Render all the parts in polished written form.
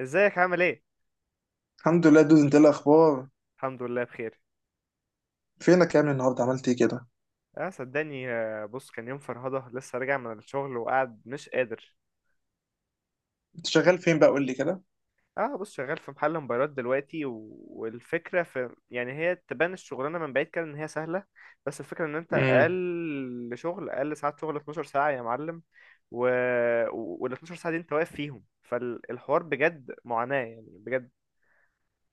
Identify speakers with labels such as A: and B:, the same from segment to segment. A: ازيك، عامل ايه؟
B: الحمد لله دوز، انت ايه الاخبار؟
A: الحمد لله، بخير.
B: فينك يا ابني؟ النهارده عملت ايه كده؟
A: اه صدقني، بص كان يوم فرهضة، لسه راجع من الشغل وقاعد مش قادر.
B: انت شغال فين بقى؟ قول لي كده.
A: اه بص شغال في محل موبايلات دلوقتي، والفكرة في، يعني هي تبان الشغلانة من بعيد كده ان هي سهلة. بس الفكرة ان انت،
B: امم
A: اقل ساعات شغل 12 ساعة يا معلم. و... وال 12 ساعة دي انت واقف فيهم، فالحوار بجد معاناة، يعني بجد.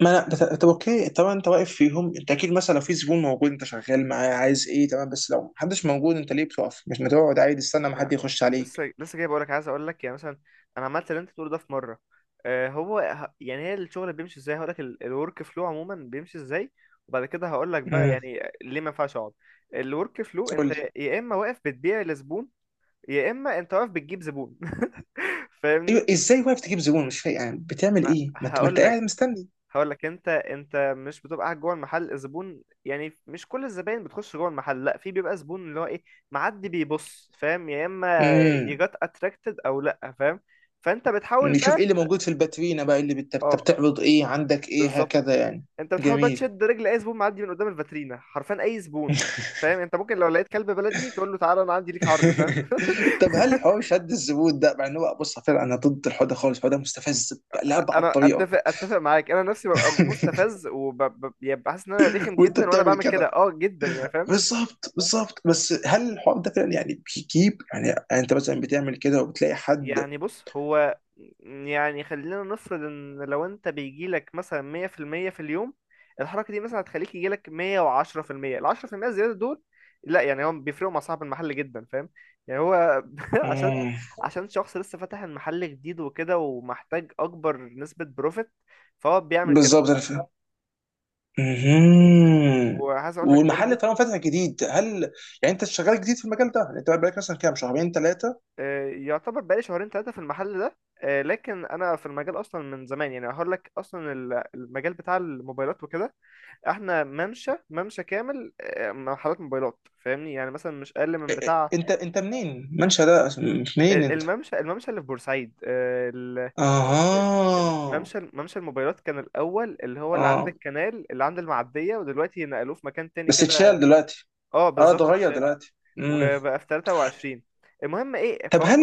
B: ما انا بت- طب اوكي، طبعا انت واقف فيهم، انت اكيد مثلا لو في زبون موجود انت شغال معاه عايز ايه، تمام. بس لو محدش موجود انت ليه بتقف؟ مش ما تقعد عادي، استنى ما
A: ما
B: حد يخش عليك.
A: لسه جاي بقولك، عايز اقولك يعني مثلا، انا عملت اللي انت بتقوله ده في مره. يعني هي الشغل بيمشي ازاي، هقولك الورك فلو عموما بيمشي ازاي، وبعد كده هقولك بقى
B: امم
A: يعني ليه ما ينفعش اقعد. الورك فلو،
B: قول
A: انت
B: لي.
A: يا اما واقف بتبيع لزبون، يا اما انت واقف بتجيب زبون.
B: ايوه،
A: فاهمني؟
B: ازاي واقف تجيب زبون؟ مش فاهم يعني بتعمل
A: ما
B: ايه، ما انت
A: هقولك
B: قاعد مستني.
A: هقول لك، انت مش بتبقى قاعد جوه المحل، الزبون يعني مش كل الزباين بتخش جوه المحل، لا في بيبقى زبون اللي هو ايه، معدي بيبص، فاهم؟ يا اما
B: امم
A: يجات اتراكتد او لا، فاهم؟ فانت بتحاول
B: نشوف
A: بقى.
B: ايه اللي موجود في الباترينا بقى، ايه اللي
A: اه
B: بتعرض، ايه عندك، ايه
A: بالظبط،
B: هكذا يعني.
A: انت بتحاول بقى
B: جميل.
A: تشد رجل اي زبون معدي من قدام الفاترينا، حرفيا اي زبون. فاهم؟ انت ممكن لو لقيت كلب بلدي تقول له تعالى انا عندي ليك عرض، فاهم؟
B: طب هل حوار شد الزبون ده، مع ان هو بص فعلا انا ضد الحوار ده خالص، الحوار ده مستفز لأبعد
A: انا
B: طريقه.
A: اتفق معاك، انا نفسي ببقى مستفز وببقى حاسس ان انا رخم
B: وانت
A: جدا وانا
B: بتعمل
A: بعمل كده،
B: كده.
A: اه جدا يعني، فاهم؟
B: بالظبط بالظبط. بس هل الحوار ده فعلا يعني بيجيب؟ يعني يعني انت مثلا بتعمل كده وبتلاقي حد؟
A: يعني بص هو، يعني خلينا نفرض ان لو انت بيجيلك مثلا مية في المية في اليوم، الحركة دي مثلا هتخليك يجيلك مية وعشرة في المية، العشرة في المية الزيادة دول، لا يعني هو بيفرقوا مع صاحب المحل جدا، فاهم؟ يعني هو عشان،
B: مم.
A: عشان شخص لسه فاتح المحل جديد وكده ومحتاج اكبر نسبة بروفيت، فهو بيعمل كده.
B: بالظبط، انا فاهم. مهم.
A: وعايز اقول لك
B: والمحل
A: برضو.
B: طالما فاتح جديد هل، يعني انت شغال جديد في المجال ده؟ يعني انت بقالك مثلا كام، شهرين ثلاثه؟
A: آه، يعتبر بقالي شهرين ثلاثة في المحل ده. آه، لكن انا في المجال اصلا من زمان، يعني هقول لك اصلا المجال بتاع الموبايلات وكده، احنا ممشى ممشى كامل، محلات موبايلات. فاهمني؟ يعني مثلا مش اقل من بتاع
B: انت منين؟ منشأ ده منين انت؟
A: الممشى اللي في بورسعيد.
B: اها.
A: ممشى الموبايلات كان الاول، اللي هو اللي عند
B: اه.
A: الكنال، اللي عند المعديه، ودلوقتي نقلوه في مكان تاني
B: بس اتشال
A: كده.
B: دلوقتي؟
A: اه
B: اه،
A: بالظبط
B: اتغير
A: اتشال.
B: دلوقتي.
A: وبقى في 23. المهم ايه،
B: طب
A: فهو
B: هل،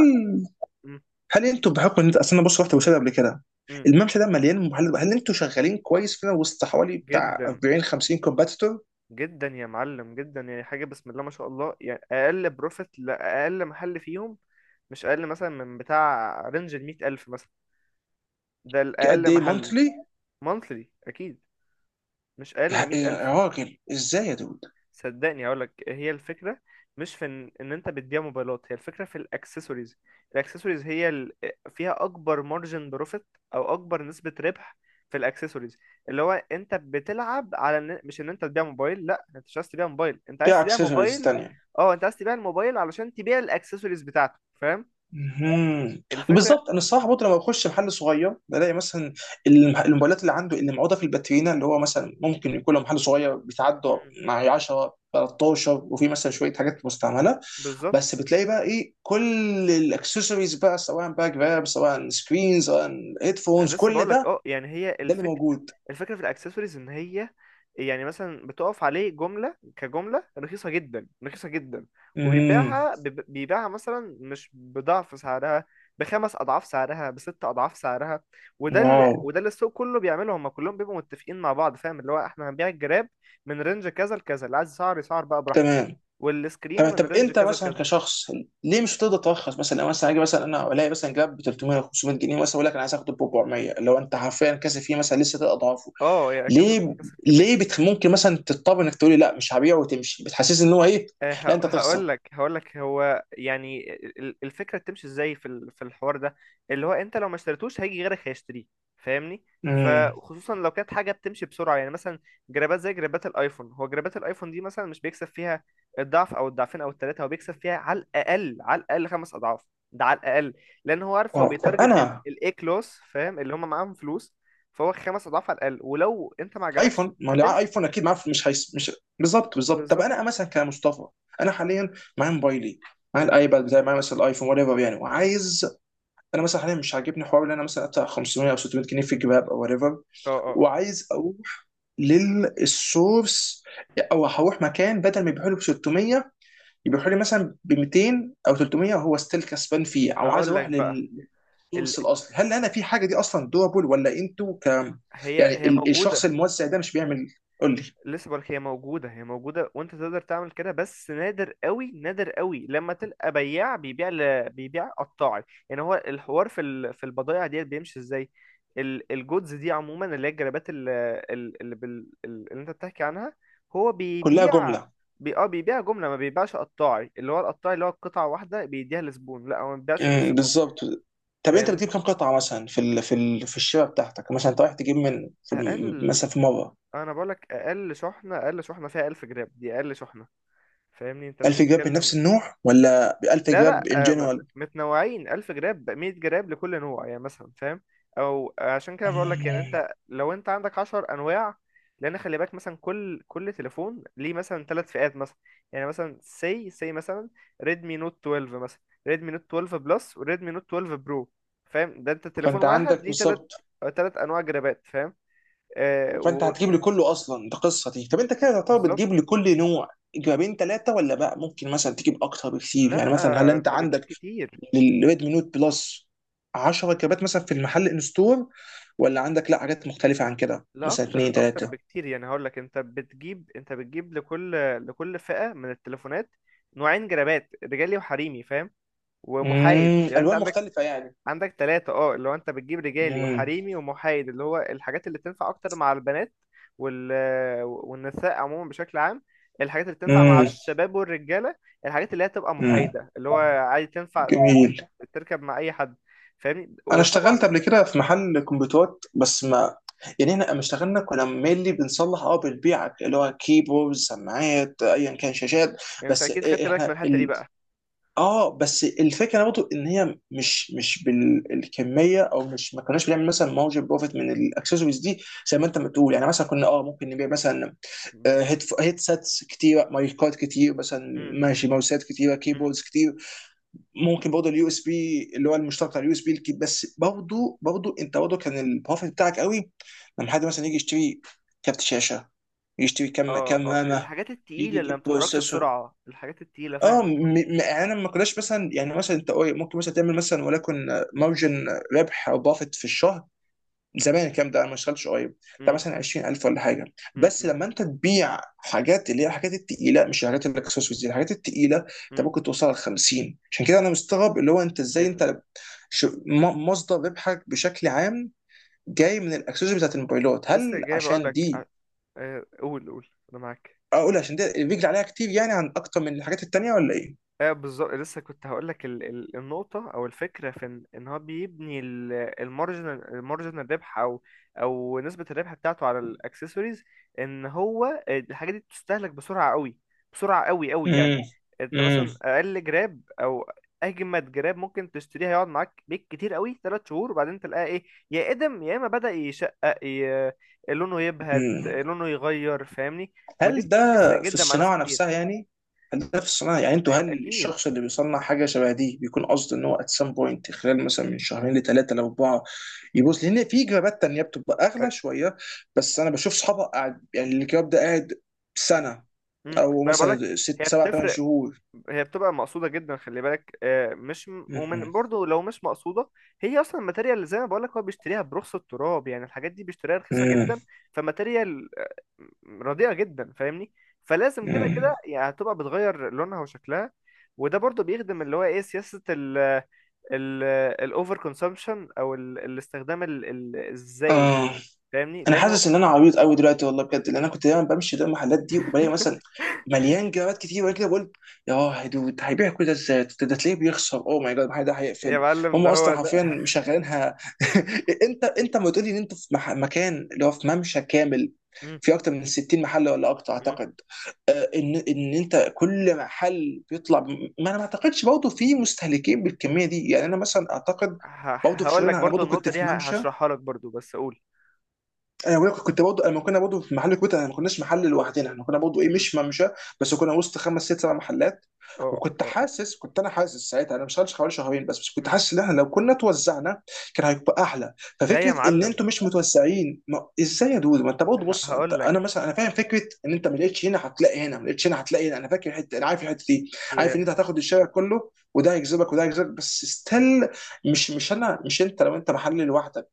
A: م-
B: هل انتوا بحكم ان انت اصل، انا بص رحت بوسادة قبل كده،
A: م-
B: الممشى ده مليان محلات، هل انتوا شغالين كويس فينا وسط حوالي بتاع
A: جدا،
B: 40 50 كومباتيتور؟
A: جدا يا معلم، جدا، يعني حاجه بسم الله ما شاء الله، يعني اقل بروفيت لاقل محل فيهم، مش اقل مثلا من بتاع رينج ال 100000 مثلا. ده
B: قد
A: الأقل
B: ايه
A: محل.
B: مونثلي؟
A: Monthly أكيد، مش أقل من
B: يا
A: مية
B: يا
A: ألف.
B: راجل، ازاي يا دود؟
A: صدقني هقولك، هي الفكرة مش في إن أنت بتبيع موبايلات، هي الفكرة في الأكسسوارز. الأكسسوارز هي، فيها أكبر مارجن بروفيت، أو أكبر نسبة ربح، في الأكسسوارز. اللي هو أنت بتلعب على مش إن أنت تبيع موبايل، لأ، أنت مش عايز تبيع موبايل، أنت عايز
B: ايه،
A: تبيع
B: اكسسوارز
A: موبايل.
B: تانية؟
A: أه، أنت عايز تبيع الموبايل علشان تبيع الأكسسوارز بتاعته، فاهم؟
B: مهم.
A: الفكرة.
B: بالظبط. انا الصراحه برضه لما بخش محل صغير بلاقي مثلا الموبايلات اللي عنده، اللي معوضه في الباترينا، اللي هو مثلا ممكن يكون له محل صغير بيتعدى
A: مم.
B: مع 10 13، وفي مثلا شويه حاجات مستعمله.
A: بالظبط.
B: بس بتلاقي بقى ايه؟ كل الاكسسوارز بقى، سواء باك، جراب، سواء سكرين، سواء هيدفونز،
A: لسه
B: كل
A: بقول لك،
B: ده
A: اه يعني هي
B: ده اللي
A: الفكره،
B: موجود.
A: الفكره في الاكسسوارز ان هي، يعني مثلا بتقف عليه جمله كجمله رخيصه جدا، رخيصه جدا،
B: امم
A: وبيبيعها، بيبيعها مثلا مش بضعف سعرها، بخمس اضعاف سعرها، بست اضعاف سعرها. وده اللي
B: واو.
A: وده اللي السوق كله بيعمله، هم كلهم بيبقوا متفقين مع بعض، فاهم؟ اللي هو احنا هنبيع الجراب من رينج كذا لكذا، اللي عايز يسعر يسعر بقى براحته،
B: تمام
A: والسكرينه
B: تمام.
A: من
B: طب
A: رينج
B: انت
A: كذا
B: مثلا
A: لكذا.
B: كشخص ليه مش هتقدر ترخص؟ مثلا لو مثلا اجي مثلا انا الاقي مثلا جراب ب 300 500 جنيه، مثلا اقول لك انا عايز اخده ب 400، لو انت حرفيا كاسب فيه مثلا لسه ثلاث اضعافه.
A: اه يعني، كسب
B: ليه؟
A: كسب كميه.
B: ممكن مثلا تضطر انك تقولي لا مش هبيعه وتمشي، بتحسسني ان هو ايه، لا انت تخسر.
A: هقول لك هو يعني الفكره بتمشي ازاي في في الحوار ده، اللي هو انت لو ما اشتريتوش هيجي غيرك هيشتريه، فاهمني؟
B: امم
A: فخصوصا لو كانت حاجه بتمشي بسرعه، يعني مثلا جرابات زي جرابات الايفون، هو جرابات الايفون دي مثلا مش بيكسب فيها الضعف او الضعفين او الثلاثه، هو بيكسب فيها على الاقل، على الاقل خمس اضعاف، ده على الاقل. لان هو عارف هو
B: واو. طب
A: بيتارجت
B: انا،
A: الاي كلاس، فاهم؟ اللي هم معاهم فلوس، فهو خمس اضعاف على الاقل، ولو انت ما عجبكش
B: ايفون، ما هو اللي معاه
A: هتمشي.
B: ايفون اكيد معاه، مش هيس مش. بالظبط بالظبط. طب
A: بالظبط.
B: انا مثلا كمصطفى، انا حاليا معايا موبايلي، معايا
A: م-
B: الايباد بتاعي، معايا مثلا الايفون، وات ايفر يعني.
A: م.
B: وعايز، انا مثلا حاليا مش عاجبني حوار ان انا مثلا ادفع 500 او 600 جنيه في جباب او وات ايفر،
A: اه، اه،
B: وعايز اروح للسورس، او هروح مكان بدل ما يبيعوا لي ب 600 يبيعوا لي مثلا ب 200 او 300، وهو ستيل كسبان فيه. او عايز
A: هقول لك
B: اروح
A: بقى،
B: لل...
A: ال...
B: تورس الاصل، هل انا في حاجه دي اصلا دوبل ولا انتوا ك،
A: هي
B: يعني
A: هي موجودة.
B: الشخص الموزع ده مش بيعمل؟ قول لي.
A: لسه بقولك، هي موجودة هي موجودة، وانت تقدر تعمل كده، بس نادر قوي نادر قوي لما تلقى بياع بيبيع قطاعي. يعني هو الحوار في في البضائع ديت بيمشي ازاي، الجودز دي عموما، اللي هي الجرابات، ال... ال... اللي, بال... ال- اللي انت بتحكي عنها، هو
B: كلها
A: بيبيع،
B: جمله.
A: بي... اه بيبيع جملة، ما بيبيعش قطاعي. اللي هو القطاعي اللي هو قطعة واحدة بيديها للزبون، لا هو ما بيبيعش للزبون.
B: بالظبط. طب انت بتجيب
A: فاهمني؟
B: كام قطعه مثلا في في الشبكه بتاعتك؟ مثلا انت رايح تجيب من في
A: اقل
B: مثلا في مره
A: انا بقولك اقل شحنة اقل شحنة فيها 1000 جرام، دي اقل شحنة. فاهمني؟ انت
B: 1000 جراب من
A: بتتكلم.
B: نفس النوع، ولا 1000
A: لا،
B: جراب
A: لا،
B: ان جنرال؟
A: متنوعين 1000 جراب، 100 جراب لكل نوع يعني مثلا، فاهم؟ او عشان كده بقول لك، يعني انت لو انت عندك 10 انواع، لان خلي بالك، مثلا كل تليفون ليه مثلا ثلاث فئات، مثلا يعني مثلا سي سي، مثلا ريدمي نوت 12 مثلا، ريدمي نوت 12 بلس وريدمي نوت 12 برو، فاهم؟ ده انت تليفون
B: فانت
A: واحد
B: عندك
A: ليه ثلاث
B: بالظبط.
A: ثلاث انواع جرابات، فاهم؟ آه.
B: فانت هتجيب لي كله اصلا؟ ده قصه دي. طب انت كده تعتبر
A: وبالظبط.
B: بتجيب لكل نوع جرابين ثلاثه، ولا بقى ممكن مثلا تجيب اكتر بكتير؟
A: لا،
B: يعني مثلا هل انت
A: انت بتجيب
B: عندك
A: كتير.
B: للريدمي نوت بلس 10 كابات مثلا في المحل ان ستور، ولا عندك لا حاجات مختلفه عن كده
A: لا،
B: مثلا
A: اكتر
B: اثنين
A: اكتر
B: ثلاثه؟
A: بكتير، يعني هقول لك، انت بتجيب لكل لكل فئة من التليفونات نوعين جرابات، رجالي وحريمي، فاهم؟ ومحايد، يعني انت
B: الوان
A: عندك،
B: مختلفه يعني.
A: عندك ثلاثة، اللي هو انت بتجيب رجالي
B: امم
A: وحريمي ومحايد، اللي هو الحاجات اللي تنفع اكتر مع البنات، وال والنساء عموما بشكل عام، الحاجات اللي تنفع مع
B: امم
A: الشباب والرجالة، الحاجات اللي هي تبقى
B: امم
A: محايدة، اللي هو عادي تنفع
B: جميل.
A: تركب مع اي حد، فاهمني؟
B: انا
A: وطبعا
B: اشتغلت قبل كده في محل كمبيوترات، بس ما، يعني احنا لما اشتغلنا كنا مينلي بنصلح، اه بنبيع اللي هو كيبوردز، سماعات، ايا كان، شاشات.
A: انت
B: بس
A: اكيد خدت بالك من
B: احنا،
A: الحتة دي بقى.
B: اه، بس الفكره برضه ان هي مش بالكميه، او مش ما كناش بنعمل مثلا مارجن بروفيت من الاكسسوارز دي زي ما انت بتقول. يعني مثلا كنا اه ممكن نبيع مثلا
A: بالظبط.
B: هيدسيتس كتيره، مايكات كتير مثلا،
A: مم، مم.
B: ماشي، ماوسات كتيره،
A: مم.
B: كيبوردز كتير. ممكن برضه اليو اس بي اللي هو المشترك بتاع اليو اس بي. بس برضه برضه انت برضه كان البروفيت بتاعك قوي لما حد مثلا يجي يشتري كارت شاشه، يشتري كام
A: اه،
B: كام
A: اه،
B: رامه،
A: الحاجات
B: يجي
A: التقيلة اللي ما
B: يجيب
A: بتتحركش
B: بروسيسور.
A: بسرعة، الحاجات التقيلة،
B: اه م-
A: فاهمك.
B: م- يعني انا ما كناش مثلا، يعني مثلا انت ممكن مثلا تعمل مثلا، ولكن مارجن ربح او بافت في الشهر، زمان الكلام ده انا ما اشتغلتش قريب، ده
A: امم.
B: مثلا 20,000 ولا حاجه. بس
A: امم.
B: لما انت تبيع حاجات اللي هي الحاجات التقيله، مش الحاجات الاكسسوارز دي، الحاجات التقيله، انت
A: امم.
B: ممكن توصل ل 50. عشان كده انا مستغرب اللي هو انت ازاي
A: ال...
B: انت، مصدر ربحك بشكل عام جاي من الاكسسوارز بتاعت الموبايلات،
A: لسه
B: هل
A: جاي بقول
B: عشان دي،
A: لك. قول، قول، انا معاك.
B: اقول عشان دي الرجل عليها كتير، يعني عن اكتر من الحاجات التانيه، ولا ايه؟
A: ايه بالظبط، لسه كنت هقول لك النقطه او الفكره في إن هو بيبني المارجنال ربح، او نسبه الربح بتاعته على الاكسسوارز، ان هو الحاجه دي بتستهلك بسرعه قوي، بسرعه قوي قوي يعني،
B: امم
A: انت مثلا اقل جراب او اجمد جراب ممكن تشتريها يقعد معاك بيك كتير قوي، ثلاث شهور، وبعدين تلاقيها ايه، يا ادم يا اما بدأ يشقق، لونه يبهت،
B: امم
A: لونه يغير، فاهمني؟
B: هل
A: ودي
B: ده
A: بتفرق
B: في
A: جدا مع ناس
B: الصناعة نفسها
A: كتير.
B: يعني؟ هل ده في الصناعة، يعني انتوا، هل
A: اكيد.
B: الشخص اللي بيصنع حاجة شبه دي بيكون قصده ان هو at some point خلال مثلا من شهرين لثلاثة لأربعة يبوظ؟ لأن في جرابات تانية بتبقى
A: أ-
B: أغلى شوية، بس أنا بشوف صحابها قاعد، يعني الجراب ده قاعد سنة،
A: امم،
B: أو
A: ما انا بقول لك،
B: مثلا
A: هي
B: ست سبع ثمان
A: بتفرق،
B: شهور.
A: هي بتبقى مقصوده جدا، خلي بالك، مش
B: مم.
A: ومن برضو لو مش مقصوده، هي اصلا الماتيريال، اللي زي ما بقول لك، هو بيشتريها برخص التراب، يعني الحاجات دي بيشتريها رخيصه
B: مم.
A: جدا، فماتيريال رديئه جدا، فاهمني؟ فلازم كده كده
B: مم.
A: يعني، هتبقى بتغير لونها وشكلها. وده برضو بيخدم اللي هو ايه، سياسه ال ال الاوفر كونسومشن، او الاستخدام الزايد،
B: اه،
A: فاهمني؟
B: انا
A: لانه.
B: حاسس ان انا عبيط قوي دلوقتي والله بجد، لان انا كنت دايما بمشي قدام المحلات دي وبلاقي مثلا مليان جرابات كتير، وانا كده بقول يا دود هيبيع كل ده ازاي؟ ده ده تلاقيه بيخسر. اوه ماي جاد، المحل ده
A: يا
B: هيقفل.
A: معلم
B: هم
A: ده
B: اصلا
A: هو.
B: حرفيا مشغلينها. انت ما تقولي ان انت في مكان اللي هو في ممشى كامل، في اكتر من 60 محل ولا اكتر
A: ده.
B: اعتقد، ان انت كل محل بيطلع ما انا ما اعتقدش برضه في مستهلكين بالكميه دي، يعني انا مثلا اعتقد برضه في
A: هقول لك
B: شغلنا، انا
A: برضو
B: برضه كنت
A: النقطة دي
B: في ممشى.
A: هشرحها لك برضو، بس قول.
B: انا بقولك كنت برضه لما كنا برضه في محل كويت، احنا ما كناش محل لوحدنا، احنا كنا برضه ايه،
A: مم.
B: مش ممشى، بس كنا وسط خمس ست سبع محلات،
A: اه،
B: وكنت
A: اه.
B: حاسس، كنت انا حاسس ساعتها، انا مش شغال حوالي شهرين بس، بس كنت
A: مم.
B: حاسس ان احنا لو كنا توزعنا كان هيبقى احلى.
A: لا يا
B: ففكره ان
A: معلم،
B: انتوا مش متوزعين، ما ازاي يا دود؟ ما انت برضه بص، انت
A: هقول لك،
B: انا مثلا انا فاهم فكره ان انت ما لقيتش هنا هتلاقي هنا، ما لقيتش هنا هتلاقي هنا، انا فاكر الحته، انا عارف الحته دي، عارف
A: هي.
B: ان انت هتاخد الشارع كله، وده هيجذبك وده هيجذبك. بس ستيل، مش انا مش، انت لو انت محل لوحدك،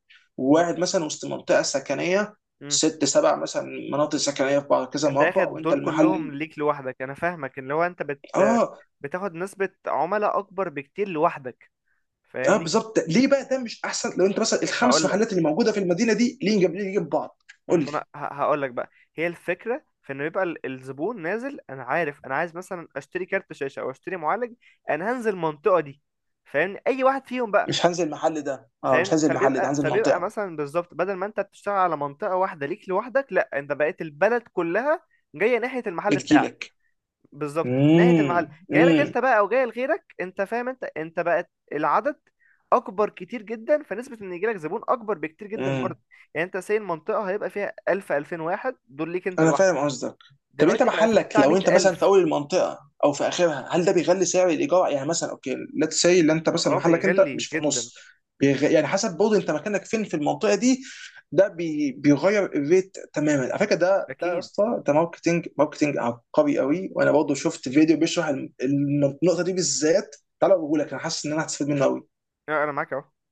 A: مم.
B: وواحد مثلا وسط منطقه سكنيه،
A: مم.
B: ست سبع مثلا مناطق سكنيه في بعض كذا
A: انت
B: مربع،
A: اخد
B: وانت
A: دول كلهم
B: المحل.
A: ليك لوحدك، انا فاهمك، ان لو انت
B: اه.
A: بتاخد نسبة عملاء اكبر بكتير لوحدك،
B: اه
A: فاهمني؟
B: بالظبط، ليه بقى ده مش احسن لو انت مثلا الخمس
A: هقول لك،
B: محلات اللي موجوده في المدينه دي، ليه جنب، ليه جنب بعض؟ قول لي.
A: انا هقول لك بقى، هي الفكرة في انه يبقى الزبون نازل انا عارف انا عايز مثلا اشتري كارت شاشة او اشتري معالج، انا هنزل المنطقة دي، فاهمني؟ اي واحد فيهم بقى،
B: مش هنزل المحل ده، اه مش
A: فاهم؟
B: هنزل المحل ده،
A: فبيبقى
B: هنزل
A: فبيبقى
B: منطقه.
A: مثلا بالظبط، بدل ما انت بتشتغل على منطقة واحدة ليك لوحدك، لا انت بقيت البلد كلها جاية ناحية المحل بتاعك.
B: بتجيلك.
A: بالظبط، ناحية المحل، جاي لك
B: امم
A: انت بقى او جاي لغيرك، انت فاهم، انت بقت العدد اكبر كتير جدا، فنسبة ان يجيلك زبون اكبر بكتير جدا برضه.
B: امم
A: يعني انت ساي المنطقة هيبقى فيها 1000 2000 واحد، دول ليك انت
B: انا
A: لوحدك.
B: فاهم قصدك. طب انت
A: دلوقتي بقى فيه
B: محلك
A: بتاع
B: لو انت مثلا في
A: 100000.
B: اول المنطقه او في اخرها، هل ده بيغلي سعر الايجار؟ يعني مثلا اوكي ليتس سي، اللي انت مثلا
A: اه
B: محلك انت
A: بيغلي
B: مش في
A: جدا.
B: النص، يعني حسب برضه انت مكانك فين في المنطقه دي، بيغير الريت تماما، على فكره ده ده يا
A: اكيد.
B: اسطى ده ماركتنج، ماركتنج عبقري قوي. وانا برضه شفت فيديو بيشرح النقطه دي بالذات، تعالى اقول لك، انا حاسس ان انا هستفيد منه قوي.
A: لا، انا معاك اهو.